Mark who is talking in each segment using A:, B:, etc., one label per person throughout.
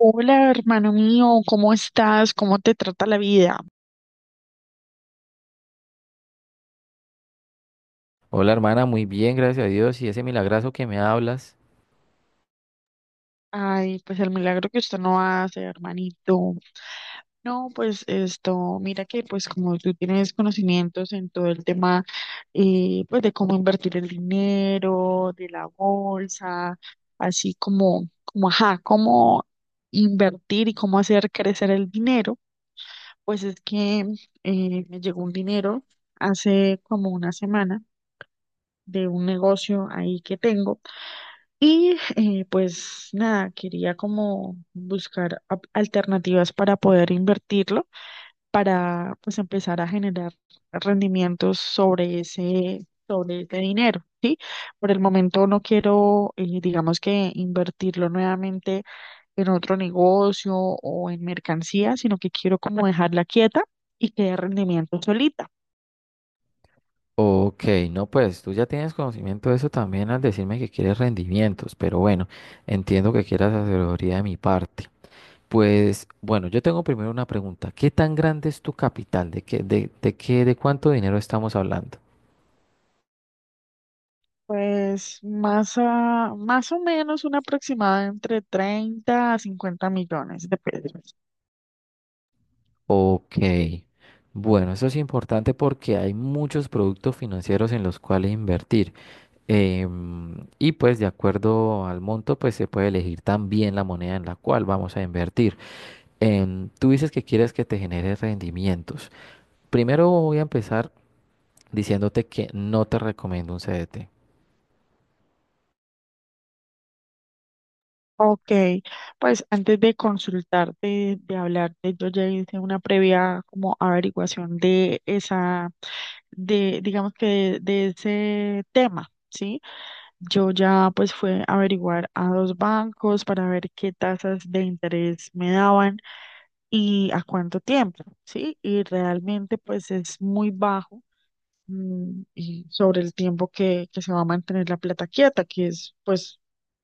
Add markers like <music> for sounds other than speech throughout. A: Hola, hermano mío, ¿cómo estás? ¿Cómo te trata la vida?
B: Hola hermana, muy bien, gracias a Dios. ¿Y ese milagrazo que me hablas?
A: Ay, pues el milagro que usted no hace, hermanito. No, pues esto, mira que pues como tú tienes conocimientos en todo el tema, pues de cómo invertir el dinero, de la bolsa, así como, ajá, cómo invertir y cómo hacer crecer el dinero, pues es que me llegó un dinero hace como una semana de un negocio ahí que tengo. Y pues nada, quería como buscar alternativas para poder invertirlo, para pues empezar a generar rendimientos sobre ese dinero, ¿sí? Por el momento no quiero, digamos que invertirlo nuevamente en otro negocio o en mercancía, sino que quiero como dejarla quieta y que dé rendimiento solita.
B: Ok, no, pues tú ya tienes conocimiento de eso también al decirme que quieres rendimientos, pero bueno, entiendo que quieras asesoría de mi parte. Pues bueno, yo tengo primero una pregunta. ¿Qué tan grande es tu capital? ¿De cuánto dinero estamos hablando?
A: Pues más, más o menos una aproximada entre 30 a 50 millones de pesos.
B: Ok, bueno, eso es importante porque hay muchos productos financieros en los cuales invertir. Y pues de acuerdo al monto, pues se puede elegir también la moneda en la cual vamos a invertir. Tú dices que quieres que te genere rendimientos. Primero voy a empezar diciéndote que no te recomiendo un CDT.
A: Ok, pues antes de consultarte, de hablarte, yo ya hice una previa como averiguación de esa, de, digamos que de ese tema, ¿sí? Yo ya pues fue a averiguar a dos bancos para ver qué tasas de interés me daban y a cuánto tiempo, ¿sí? Y realmente pues es muy bajo, y sobre el tiempo que se va a mantener la plata quieta, que es pues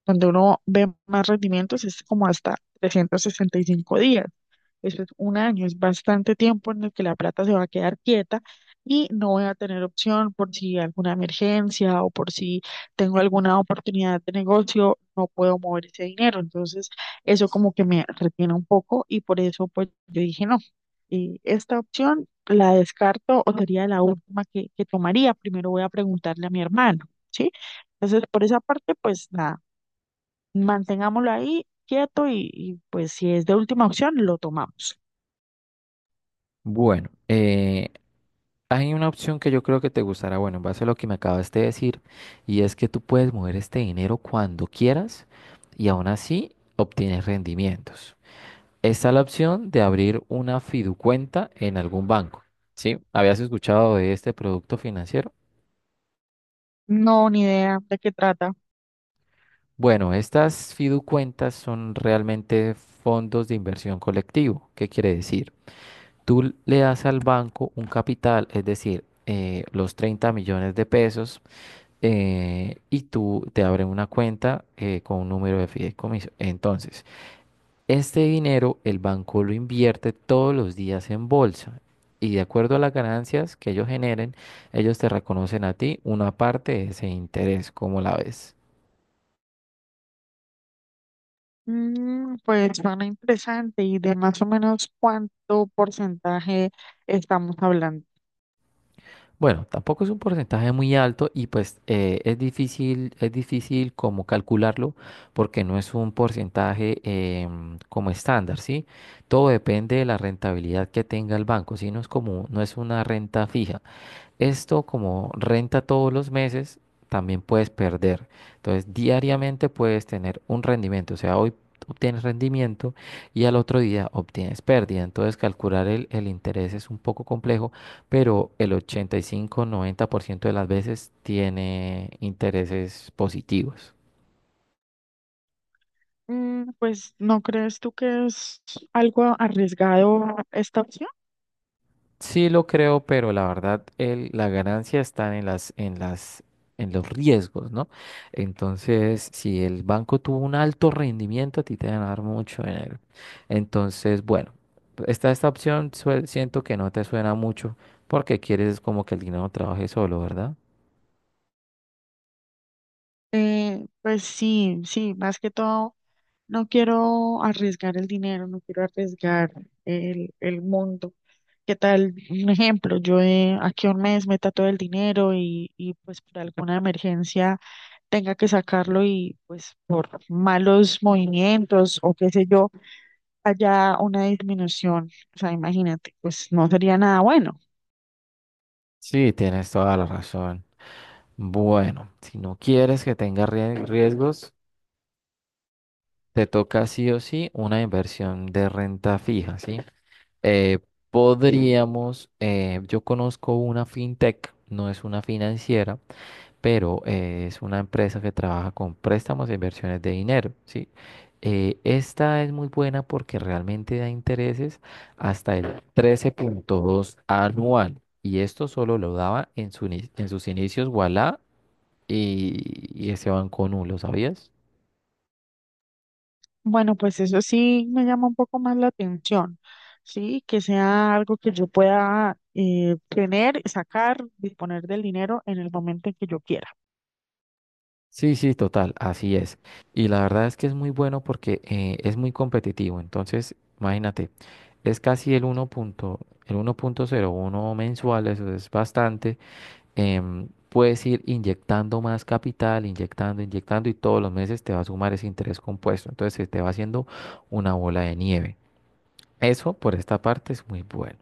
A: donde uno ve más rendimientos, es como hasta 365 días. Eso es un año, es bastante tiempo en el que la plata se va a quedar quieta y no voy a tener opción por si alguna emergencia o por si tengo alguna oportunidad de negocio, no puedo mover ese dinero. Entonces, eso como que me retiene un poco y por eso pues yo dije no. Y esta opción la descarto o sería la última que tomaría. Primero voy a preguntarle a mi hermano, ¿sí? Entonces, por esa parte, pues nada, mantengámoslo ahí quieto y pues si es de última opción, lo tomamos.
B: Bueno, hay una opción que yo creo que te gustará, bueno, en base a lo que me acabas de decir, y es que tú puedes mover este dinero cuando quieras y aún así obtienes rendimientos. Está la opción de abrir una fiducuenta en algún banco. ¿Sí? ¿Habías escuchado de este producto financiero?
A: No, ni idea de qué trata.
B: Bueno, estas fiducuentas son realmente fondos de inversión colectivo. ¿Qué quiere decir? Tú le das al banco un capital, es decir, los 30 millones de pesos, y tú te abren una cuenta con un número de fideicomiso. Entonces, este dinero el banco lo invierte todos los días en bolsa y de acuerdo a las ganancias que ellos generen, ellos te reconocen a ti una parte de ese interés, ¿como la ves?
A: Mm, pues suena interesante y de más o menos cuánto porcentaje estamos hablando.
B: Bueno, tampoco es un porcentaje muy alto y pues es difícil como calcularlo porque no es un porcentaje como estándar, ¿sí? Todo depende de la rentabilidad que tenga el banco, ¿sí? No es como, no es una renta fija. Esto como renta todos los meses, también puedes perder. Entonces, diariamente puedes tener un rendimiento. O sea, hoy obtienes rendimiento y al otro día obtienes pérdida. Entonces, calcular el interés es un poco complejo, pero el 85-90% de las veces tiene intereses positivos.
A: Mm, pues ¿no crees tú que es algo arriesgado esta opción?
B: Sí lo creo, pero la verdad la ganancia está en en los riesgos, ¿no? Entonces, si el banco tuvo un alto rendimiento, a ti te van a dar mucho dinero. Entonces, bueno, esta opción siento que no te suena mucho porque quieres es como que el dinero trabaje solo, ¿verdad?
A: Pues sí, sí, más que todo. No quiero arriesgar el dinero, no quiero arriesgar el mundo. ¿Qué tal? Un ejemplo, yo, aquí a un mes meta todo el dinero y pues por alguna emergencia tenga que sacarlo y pues por malos movimientos o qué sé yo, haya una disminución. O sea, imagínate, pues no sería nada bueno.
B: Sí, tienes toda la razón. Bueno, si no quieres que tenga riesgos, te toca sí o sí una inversión de renta fija, ¿sí? Eh, podríamos, yo conozco una fintech, no es una financiera, pero es una empresa que trabaja con préstamos e inversiones de dinero, ¿sí? Esta es muy buena porque realmente da intereses hasta el 13.2 anual y esto solo lo daba en sus inicios Ualá y, ese banco Nu, ¿lo sabías?
A: Bueno, pues eso sí me llama un poco más la atención, ¿sí? Que sea algo que yo pueda, tener, sacar, disponer del dinero en el momento en que yo quiera.
B: Sí, sí, total, así es. Y la verdad es que es muy bueno porque es muy competitivo. Entonces, imagínate, es casi el 1 punto, el 1.01 mensual, eso es bastante. Puedes ir inyectando más capital, inyectando, inyectando y todos los meses te va a sumar ese interés compuesto. Entonces, se te va haciendo una bola de nieve. Eso por esta parte es muy bueno.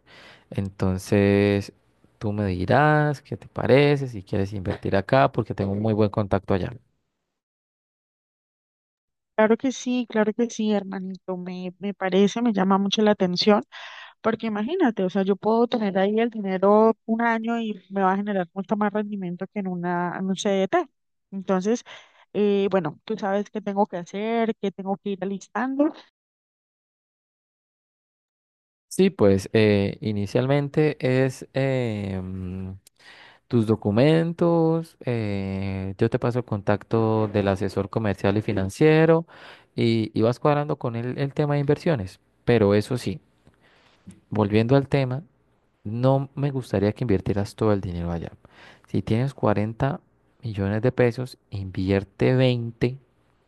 B: Entonces, tú me dirás qué te parece, si quieres invertir acá, porque tengo un muy buen contacto allá.
A: Claro que sí, hermanito, me parece, me llama mucho la atención, porque imagínate, o sea, yo puedo tener ahí el dinero un año y me va a generar mucho más rendimiento que en una, en un CDT. Entonces, bueno, tú sabes qué tengo que hacer, qué tengo que ir alistando.
B: Sí, pues inicialmente es tus documentos, yo te paso el contacto del asesor comercial y financiero y, vas cuadrando con él el tema de inversiones. Pero eso sí, volviendo al tema, no me gustaría que invirtieras todo el dinero allá. Si tienes 40 millones de pesos, invierte 20,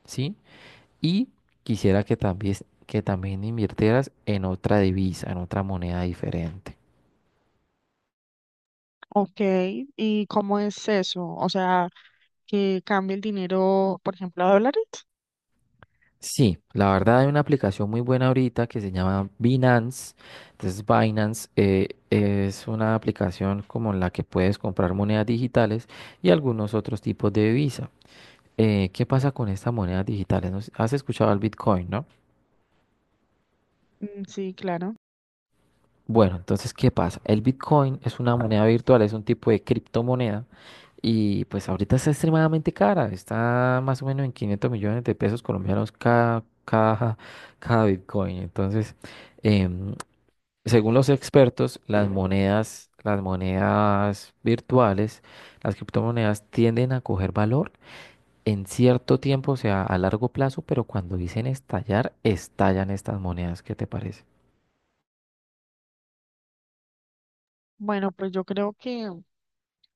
B: ¿sí? Y quisiera que también invirtieras en otra divisa, en otra moneda diferente.
A: Ok, ¿y cómo es eso? O sea, que cambie el dinero, por ejemplo, a dólares.
B: Sí, la verdad hay una aplicación muy buena ahorita que se llama Binance. Entonces Binance es una aplicación como la que puedes comprar monedas digitales y algunos otros tipos de divisa. ¿Qué pasa con estas monedas digitales? No has escuchado el Bitcoin, ¿no?
A: Mm, sí, claro.
B: Bueno, entonces, ¿qué pasa? El Bitcoin es una moneda virtual, es un tipo de criptomoneda y pues ahorita está extremadamente cara. Está más o menos en 500 millones de pesos colombianos <laughs> cada Bitcoin. Entonces... em, según los expertos, las monedas virtuales, las criptomonedas tienden a coger valor en cierto tiempo, o sea, a largo plazo, pero cuando dicen estallar, estallan estas monedas. ¿Qué te parece?
A: Bueno, pues yo creo que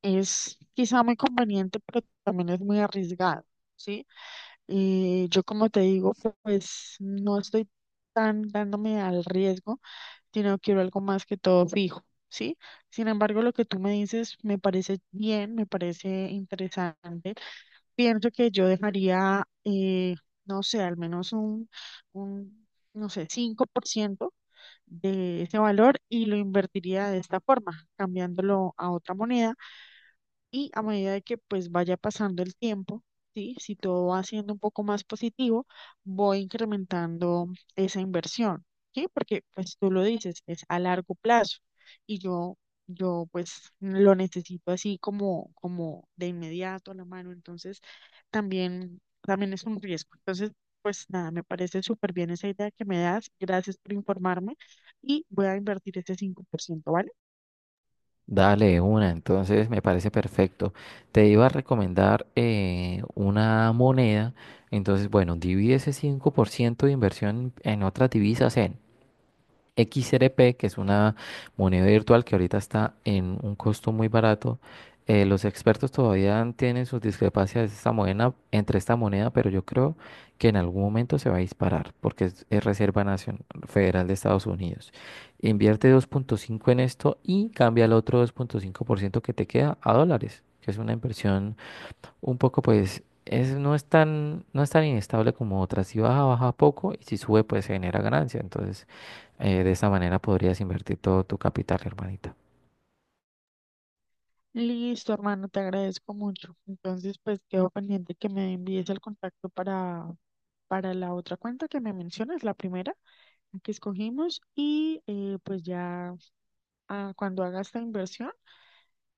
A: es quizá muy conveniente, pero también es muy arriesgado, ¿sí? Y yo como te digo, pues no estoy tan dándome al riesgo, sino quiero algo más que todo fijo, ¿sí? Sin embargo, lo que tú me dices me parece bien, me parece interesante. Pienso que yo dejaría, no sé, al menos un, no sé, 5% de ese valor y lo invertiría de esta forma, cambiándolo a otra moneda y a medida de que pues vaya pasando el tiempo, ¿sí? Si todo va siendo un poco más positivo, voy incrementando esa inversión, ¿sí? Porque pues tú lo dices, es a largo plazo y yo pues lo necesito así como, como de inmediato a la mano, entonces también, también es un riesgo. Entonces, pues nada, me parece súper bien esa idea que me das, gracias por informarme y voy a invertir ese 5%, ¿vale?
B: Dale de una, entonces me parece perfecto. Te iba a recomendar una moneda, entonces, bueno, divide ese 5% de inversión en otras divisas en XRP, que es una moneda virtual que ahorita está en un costo muy barato. Los expertos todavía tienen sus discrepancias de esta moneda, entre esta moneda, pero yo creo que en algún momento se va a disparar porque es Reserva Nacional Federal de Estados Unidos. Invierte 2.5 en esto y cambia el otro 2.5% que te queda a dólares, que es una inversión un poco, pues, es, no es tan, no es tan inestable como otras. Si baja, baja poco y si sube, pues se genera ganancia. Entonces, de esa manera podrías invertir todo tu capital, hermanita.
A: Listo, hermano, te agradezco mucho. Entonces, pues quedo pendiente que me envíes el contacto para la otra cuenta que me mencionas, la primera la que escogimos, y pues ya, ah, cuando haga esta inversión,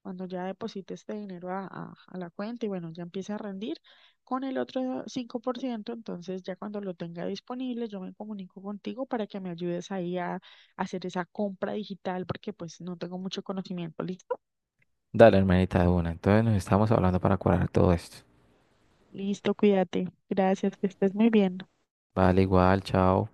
A: cuando ya deposite este dinero a la cuenta y bueno, ya empiece a rendir con el otro 5%, entonces ya cuando lo tenga disponible, yo me comunico contigo para que me ayudes ahí a hacer esa compra digital, porque pues no tengo mucho conocimiento, ¿listo?
B: Dale, hermanita, de una. Entonces nos estamos hablando para cuadrar todo esto.
A: Listo, cuídate. Gracias, que estés muy bien.
B: Vale, igual, chao.